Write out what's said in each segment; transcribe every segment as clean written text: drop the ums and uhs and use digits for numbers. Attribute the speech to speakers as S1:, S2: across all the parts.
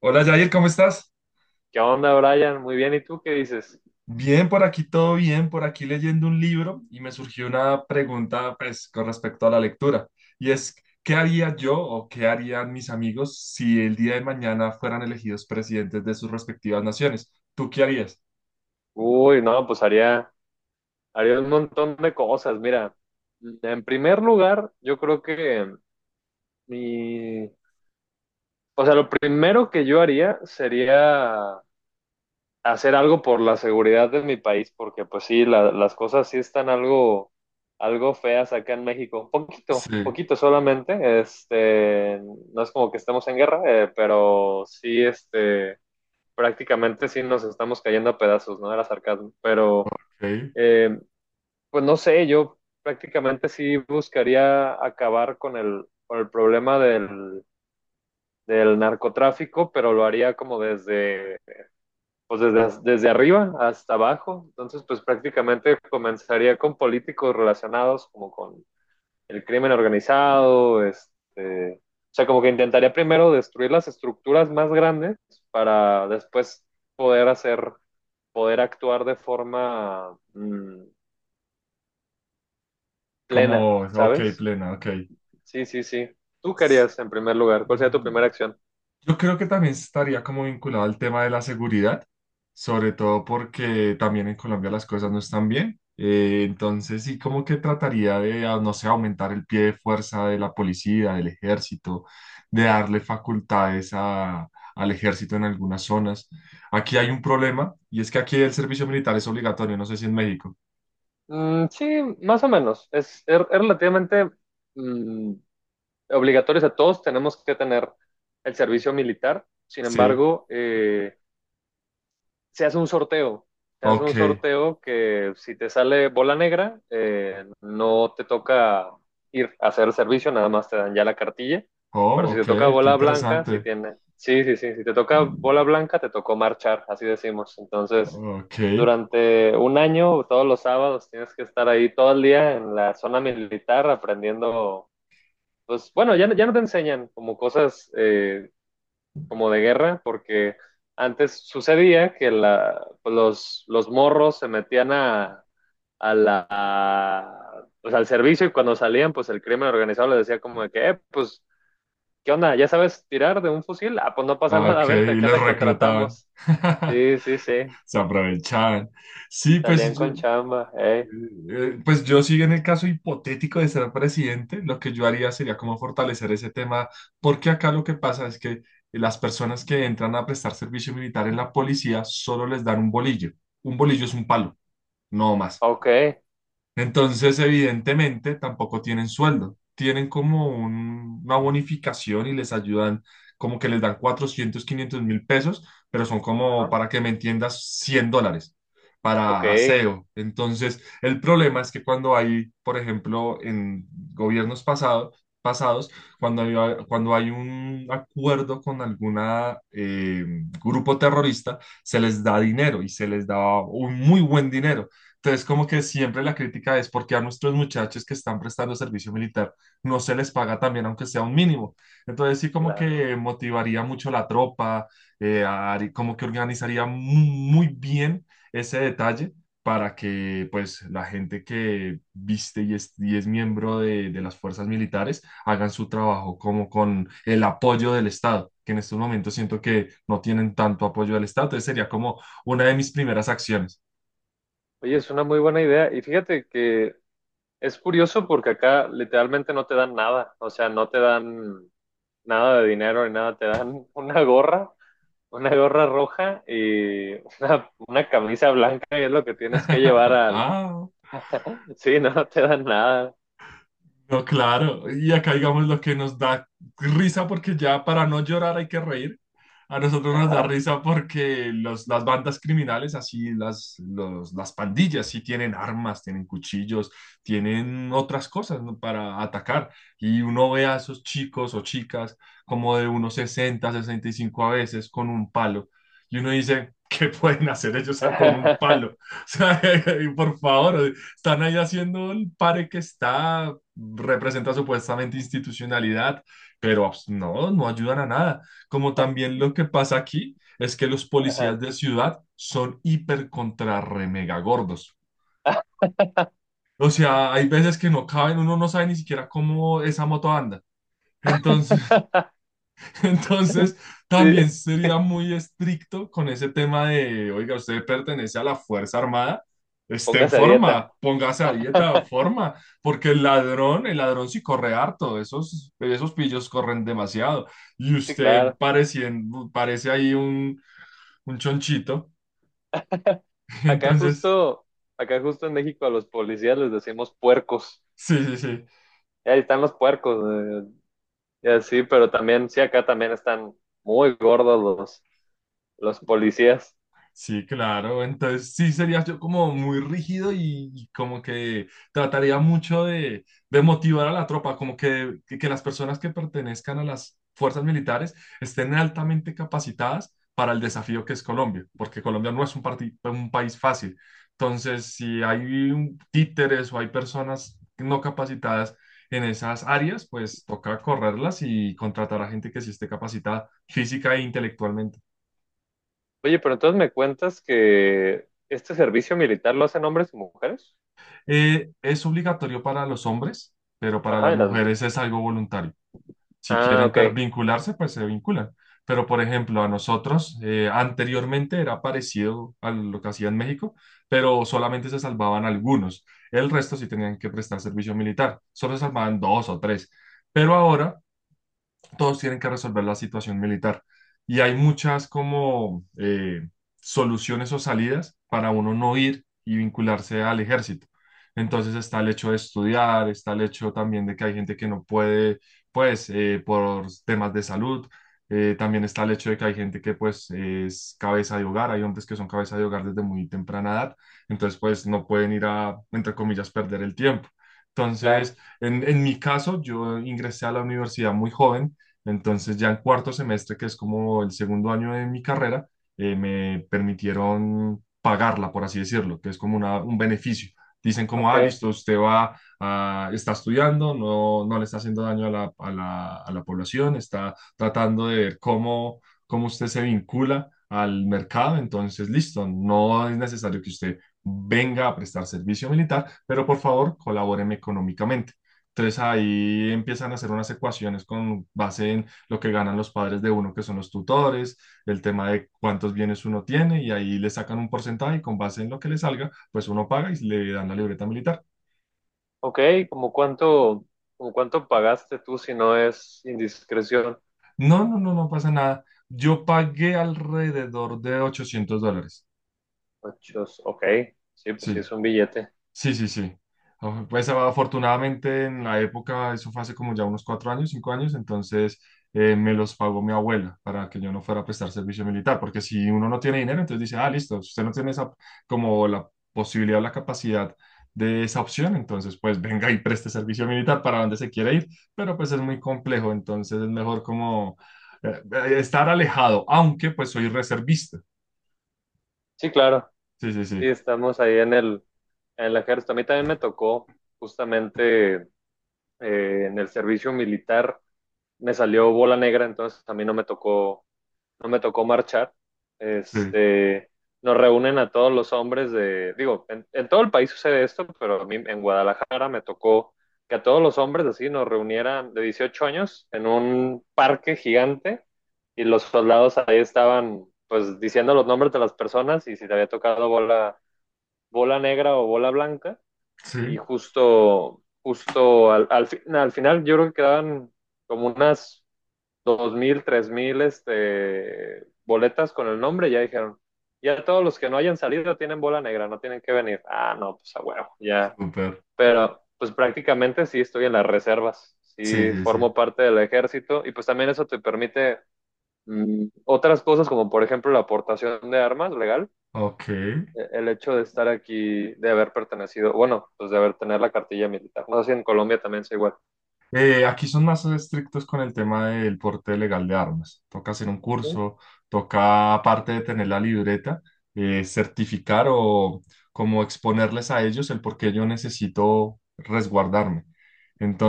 S1: Hola Yair, ¿cómo estás?
S2: ¿Qué onda, Brian? Muy bien, ¿y tú qué dices?
S1: Bien, por aquí todo bien, por aquí leyendo un libro y me surgió una pregunta pues con respecto a la lectura y es, ¿qué haría yo o qué harían mis amigos si el día de mañana fueran elegidos presidentes de sus respectivas naciones? ¿Tú qué harías?
S2: Uy, no, pues haría un montón de cosas. Mira, en primer lugar, yo creo que mi, o sea, lo primero que yo haría sería hacer algo por la seguridad de mi país, porque pues sí, las cosas sí están algo feas acá en México, poquito,
S1: Sí,
S2: poquito solamente, no es como que estemos en guerra, pero sí, prácticamente sí nos estamos cayendo a pedazos, ¿no? Era sarcasmo, pero
S1: ok,
S2: Eh, pues no sé, yo prácticamente sí buscaría acabar con con el problema del narcotráfico, pero lo haría como desde arriba hasta abajo. Entonces, pues prácticamente comenzaría con políticos relacionados como con el crimen organizado, o sea, como que intentaría primero destruir las estructuras más grandes para después poder hacer, poder actuar de forma plena,
S1: como, ok,
S2: ¿sabes?
S1: plena, ok.
S2: Sí, sí, sí. ¿Tú qué harías en primer lugar? ¿Cuál sería tu primera acción?
S1: Yo creo que también estaría como vinculado al tema de la seguridad, sobre todo porque también en Colombia las cosas no están bien. Entonces sí, como que trataría de, ah, no sé, aumentar el pie de fuerza de la policía, del ejército, de darle facultades al ejército en algunas zonas. Aquí hay un problema y es que aquí el servicio militar es obligatorio, no sé si en México.
S2: Mm, sí, más o menos. Es relativamente mm, obligatorio. O sea, todos tenemos que tener el servicio militar. Sin
S1: Sí,
S2: embargo, se hace un sorteo. Se hace
S1: ok.
S2: un sorteo que si te sale bola negra, no te toca ir a hacer el servicio, nada más te dan ya la cartilla.
S1: Oh,
S2: Pero si
S1: ok,
S2: te toca
S1: qué
S2: bola blanca, si
S1: interesante.
S2: tiene, sí, sí, sí, si te toca bola blanca, te tocó marchar, así decimos. Entonces,
S1: Ok,
S2: durante un año, todos los sábados, tienes que estar ahí todo el día en la zona militar aprendiendo, pues bueno, ya, ya no te enseñan como cosas como de guerra, porque antes sucedía que los morros se metían a la, a, pues al servicio y cuando salían, pues el crimen organizado les decía como de que, pues, ¿qué onda? ¿Ya sabes tirar de un fusil? Ah, pues no pasa
S1: ah,
S2: nada,
S1: ok,
S2: vente,
S1: y
S2: acá
S1: los
S2: te
S1: reclutaban.
S2: contratamos. Sí, sí, sí,
S1: Se aprovechaban. Sí,
S2: salían
S1: pues yo,
S2: con
S1: eh,
S2: chamba,
S1: eh, pues yo sí en el caso hipotético de ser presidente, lo que yo haría sería como fortalecer ese tema, porque acá lo que pasa es que las personas que entran a prestar servicio militar en la policía solo les dan un bolillo. Un bolillo es un palo, no más.
S2: ok,
S1: Entonces, evidentemente, tampoco tienen sueldo. Tienen como una bonificación y les ayudan, como que les dan 400, 500.000 pesos, pero son como,
S2: ah,
S1: para que me entiendas, $100
S2: ok,
S1: para aseo. Entonces, el problema es que cuando hay, por ejemplo, en gobiernos pasados, pasados, cuando hay, cuando hay un acuerdo con alguna grupo terrorista, se les da dinero y se les da un muy buen dinero. Entonces, como que siempre la crítica es porque a nuestros muchachos que están prestando servicio militar no se les paga también, aunque sea un mínimo. Entonces, sí, como
S2: claro.
S1: que motivaría mucho la tropa, como que organizaría muy bien ese detalle para que pues la gente que viste y es miembro de las fuerzas militares hagan su trabajo como con el apoyo del Estado, que en estos momentos siento que no tienen tanto apoyo del Estado. Entonces, sería como una de mis primeras acciones.
S2: Oye, es una muy buena idea y fíjate que es curioso porque acá literalmente no te dan nada, o sea, no te dan nada de dinero ni nada, te dan una gorra roja y una camisa blanca y es lo que tienes que llevar al.
S1: Ah,
S2: Sí, no, no te dan nada.
S1: no, claro. Y acá, digamos, lo que nos da risa, porque ya para no llorar hay que reír. A nosotros nos da
S2: Ajá.
S1: risa porque las bandas criminales, así las pandillas, sí tienen armas, tienen cuchillos, tienen otras cosas, ¿no? Para atacar. Y uno ve a esos chicos o chicas como de unos 60 65 a veces con un palo. Y uno dice, ¿qué pueden hacer ellos con un palo? O sea, por favor. Están ahí haciendo el pare que representa supuestamente institucionalidad, pero pues, no, no ayudan a nada. Como también lo que pasa aquí es que los policías de ciudad son hiper contra re mega gordos. O sea, hay veces que no caben, uno no sabe ni siquiera cómo esa moto anda. Entonces, entonces, también
S2: Sí,
S1: sería muy estricto con ese tema de, oiga, usted pertenece a la Fuerza Armada, esté en
S2: póngase a dieta.
S1: forma, póngase a dieta, forma, porque el ladrón sí corre harto, esos pillos corren demasiado, y
S2: Sí,
S1: usted
S2: claro.
S1: parece ahí un chonchito,
S2: Acá
S1: entonces,
S2: justo, acá justo en México a los policías les decimos puercos.
S1: sí, sí, sí.
S2: Y ahí están los puercos. eh, y así, pero también, sí, acá también están muy gordos los policías.
S1: Sí, claro. Entonces sí sería yo como muy rígido y como que trataría mucho de motivar a la tropa, como que las personas que pertenezcan a las fuerzas militares estén altamente capacitadas para el desafío que es Colombia, porque Colombia no es un país fácil. Entonces, si hay títeres o hay personas no capacitadas en esas áreas, pues toca correrlas y contratar a gente que sí esté capacitada física e intelectualmente.
S2: Oye, pero entonces me cuentas que este servicio militar lo hacen hombres y mujeres.
S1: Es obligatorio para los hombres, pero para
S2: Ajá,
S1: las mujeres es algo voluntario. Si
S2: ah,
S1: quieren
S2: ok,
S1: vincularse, pues se vinculan. Pero, por ejemplo, a nosotros anteriormente era parecido a lo que hacía en México, pero solamente se salvaban algunos. El resto sí tenían que prestar servicio militar. Solo se salvaban dos o tres. Pero ahora todos tienen que resolver la situación militar. Y hay muchas como soluciones o salidas para uno no ir y vincularse al ejército. Entonces está el hecho de estudiar, está el hecho también de que hay gente que no puede, pues, por temas de salud. También está el hecho de que hay gente que, pues, es cabeza de hogar. Hay hombres que son cabeza de hogar desde muy temprana edad. Entonces, pues, no pueden ir a, entre comillas, perder el tiempo. Entonces,
S2: claro,
S1: en mi caso, yo ingresé a la universidad muy joven, entonces ya en cuarto semestre, que es como el segundo año de mi carrera, me permitieron pagarla, por así decirlo, que es como un beneficio. Dicen como,
S2: ok,
S1: ah, listo, usted va, está estudiando, no le está haciendo daño a la población, está tratando de ver cómo usted se vincula al mercado, entonces listo, no es necesario que usted venga a prestar servicio militar, pero por favor colabóreme económicamente. Entonces ahí empiezan a hacer unas ecuaciones con base en lo que ganan los padres de uno, que son los tutores, el tema de cuántos bienes uno tiene, y ahí le sacan un porcentaje y con base en lo que le salga, pues uno paga y le dan la libreta militar.
S2: ok, ¿como cuánto, como cuánto pagaste tú si no es indiscreción?
S1: No, no, no, no pasa nada. Yo pagué alrededor de $800.
S2: Ochos, ok, sí, pues sí,
S1: Sí,
S2: es un billete.
S1: sí, sí, sí. Pues afortunadamente en la época, eso fue hace como ya unos 4 años, 5 años, entonces me los pagó mi abuela para que yo no fuera a prestar servicio militar, porque si uno no tiene dinero, entonces dice, ah, listo, si usted no tiene esa como la posibilidad o la capacidad de esa opción, entonces pues venga y preste servicio militar para donde se quiere ir, pero pues es muy complejo, entonces es mejor como eh, estar alejado, aunque pues soy reservista.
S2: Sí, claro,
S1: Sí, sí,
S2: sí,
S1: sí,
S2: estamos ahí en el ejército. A mí también me tocó justamente en el servicio militar, me salió bola negra, entonces a mí no me tocó marchar,
S1: sí,
S2: este, nos reúnen a todos los hombres digo, en todo el país sucede esto, pero a mí en Guadalajara me tocó que a todos los hombres así nos reunieran de 18 años en un parque gigante y los soldados ahí estaban pues diciendo los nombres de las personas y si te había tocado bola negra o bola blanca y
S1: sí,
S2: justo al final yo creo que quedaban como unas 2.000, 3.000 boletas con el nombre, ya dijeron, ya todos los que no hayan salido tienen bola negra, no tienen que venir. Ah, no, pues a huevo, ya.
S1: súper.
S2: Pero pues prácticamente sí estoy en las reservas,
S1: Sí,
S2: sí
S1: sí, sí.
S2: formo parte del ejército y pues también eso te permite otras cosas como por ejemplo la aportación de armas legal,
S1: Ok.
S2: el hecho de estar aquí, de haber pertenecido, bueno, pues de haber tener la cartilla militar. No sé si en Colombia también sea igual.
S1: Aquí son más estrictos con el tema del porte legal de armas. Toca hacer un
S2: Ujú.
S1: curso, toca, aparte de tener la libreta, certificar o como exponerles a ellos el por qué yo necesito resguardarme.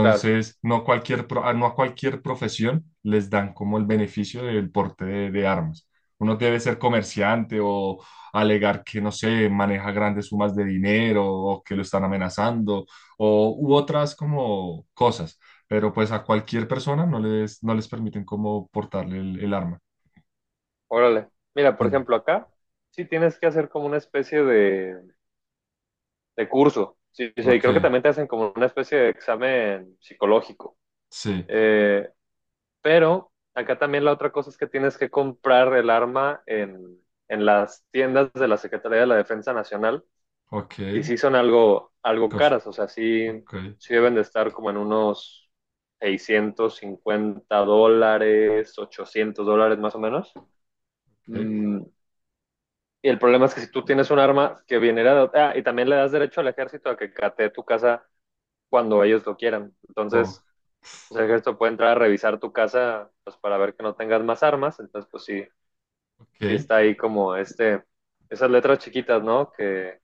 S2: Claro.
S1: no, cualquier no a cualquier profesión les dan como el beneficio del porte de armas. Uno debe ser comerciante o alegar que, no sé, maneja grandes sumas de dinero o que lo están amenazando o u otras como cosas pero pues a cualquier persona no les permiten como portarle el arma.
S2: Órale. Mira, por
S1: Mm.
S2: ejemplo, acá sí tienes que hacer como una especie de curso. Sí, sí, y
S1: Ok,
S2: creo que también te hacen como una especie de examen psicológico.
S1: sí,
S2: Eh, pero acá también la otra cosa es que tienes que comprar el arma en las tiendas de la Secretaría de la Defensa Nacional.
S1: ok,
S2: Y sí son algo
S1: cosa,
S2: caras, o sea, sí,
S1: ok,
S2: sí deben de estar como en unos 650 dólares, 800 dólares más o menos.
S1: ok,
S2: Mm. Y el problema es que si tú tienes un arma que viene de otra. Ah, y también le das derecho al ejército a que catee tu casa cuando ellos lo quieran.
S1: oh,
S2: Entonces, pues, el ejército puede entrar a revisar tu casa pues, para ver que no tengas más armas. Entonces, pues sí, sí
S1: ok.
S2: está ahí como esas letras chiquitas, ¿no? Que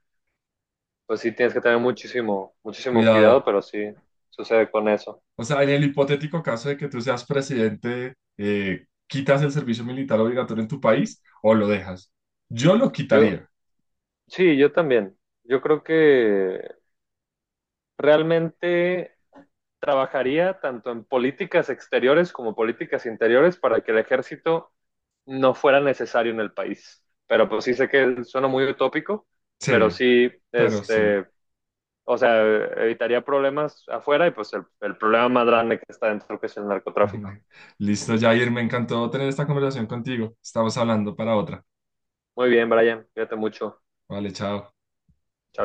S2: pues sí tienes que tener muchísimo, muchísimo cuidado,
S1: Cuidado.
S2: pero sí sucede con eso.
S1: O sea, en el hipotético caso de que tú seas presidente, ¿quitas el servicio militar obligatorio en tu país o lo dejas? Yo lo
S2: Yo,
S1: quitaría.
S2: sí, yo también. Yo creo que realmente trabajaría tanto en políticas exteriores como políticas interiores para que el ejército no fuera necesario en el país. Pero pues sí sé que suena muy utópico, pero
S1: Sí,
S2: sí,
S1: pero sí.
S2: o sea, evitaría problemas afuera y pues el problema más grande que está dentro que es el narcotráfico.
S1: Listo, Jair, me encantó tener esta conversación contigo. Estamos hablando para otra.
S2: Muy bien, Brian, cuídate mucho.
S1: Vale, chao.
S2: Chao.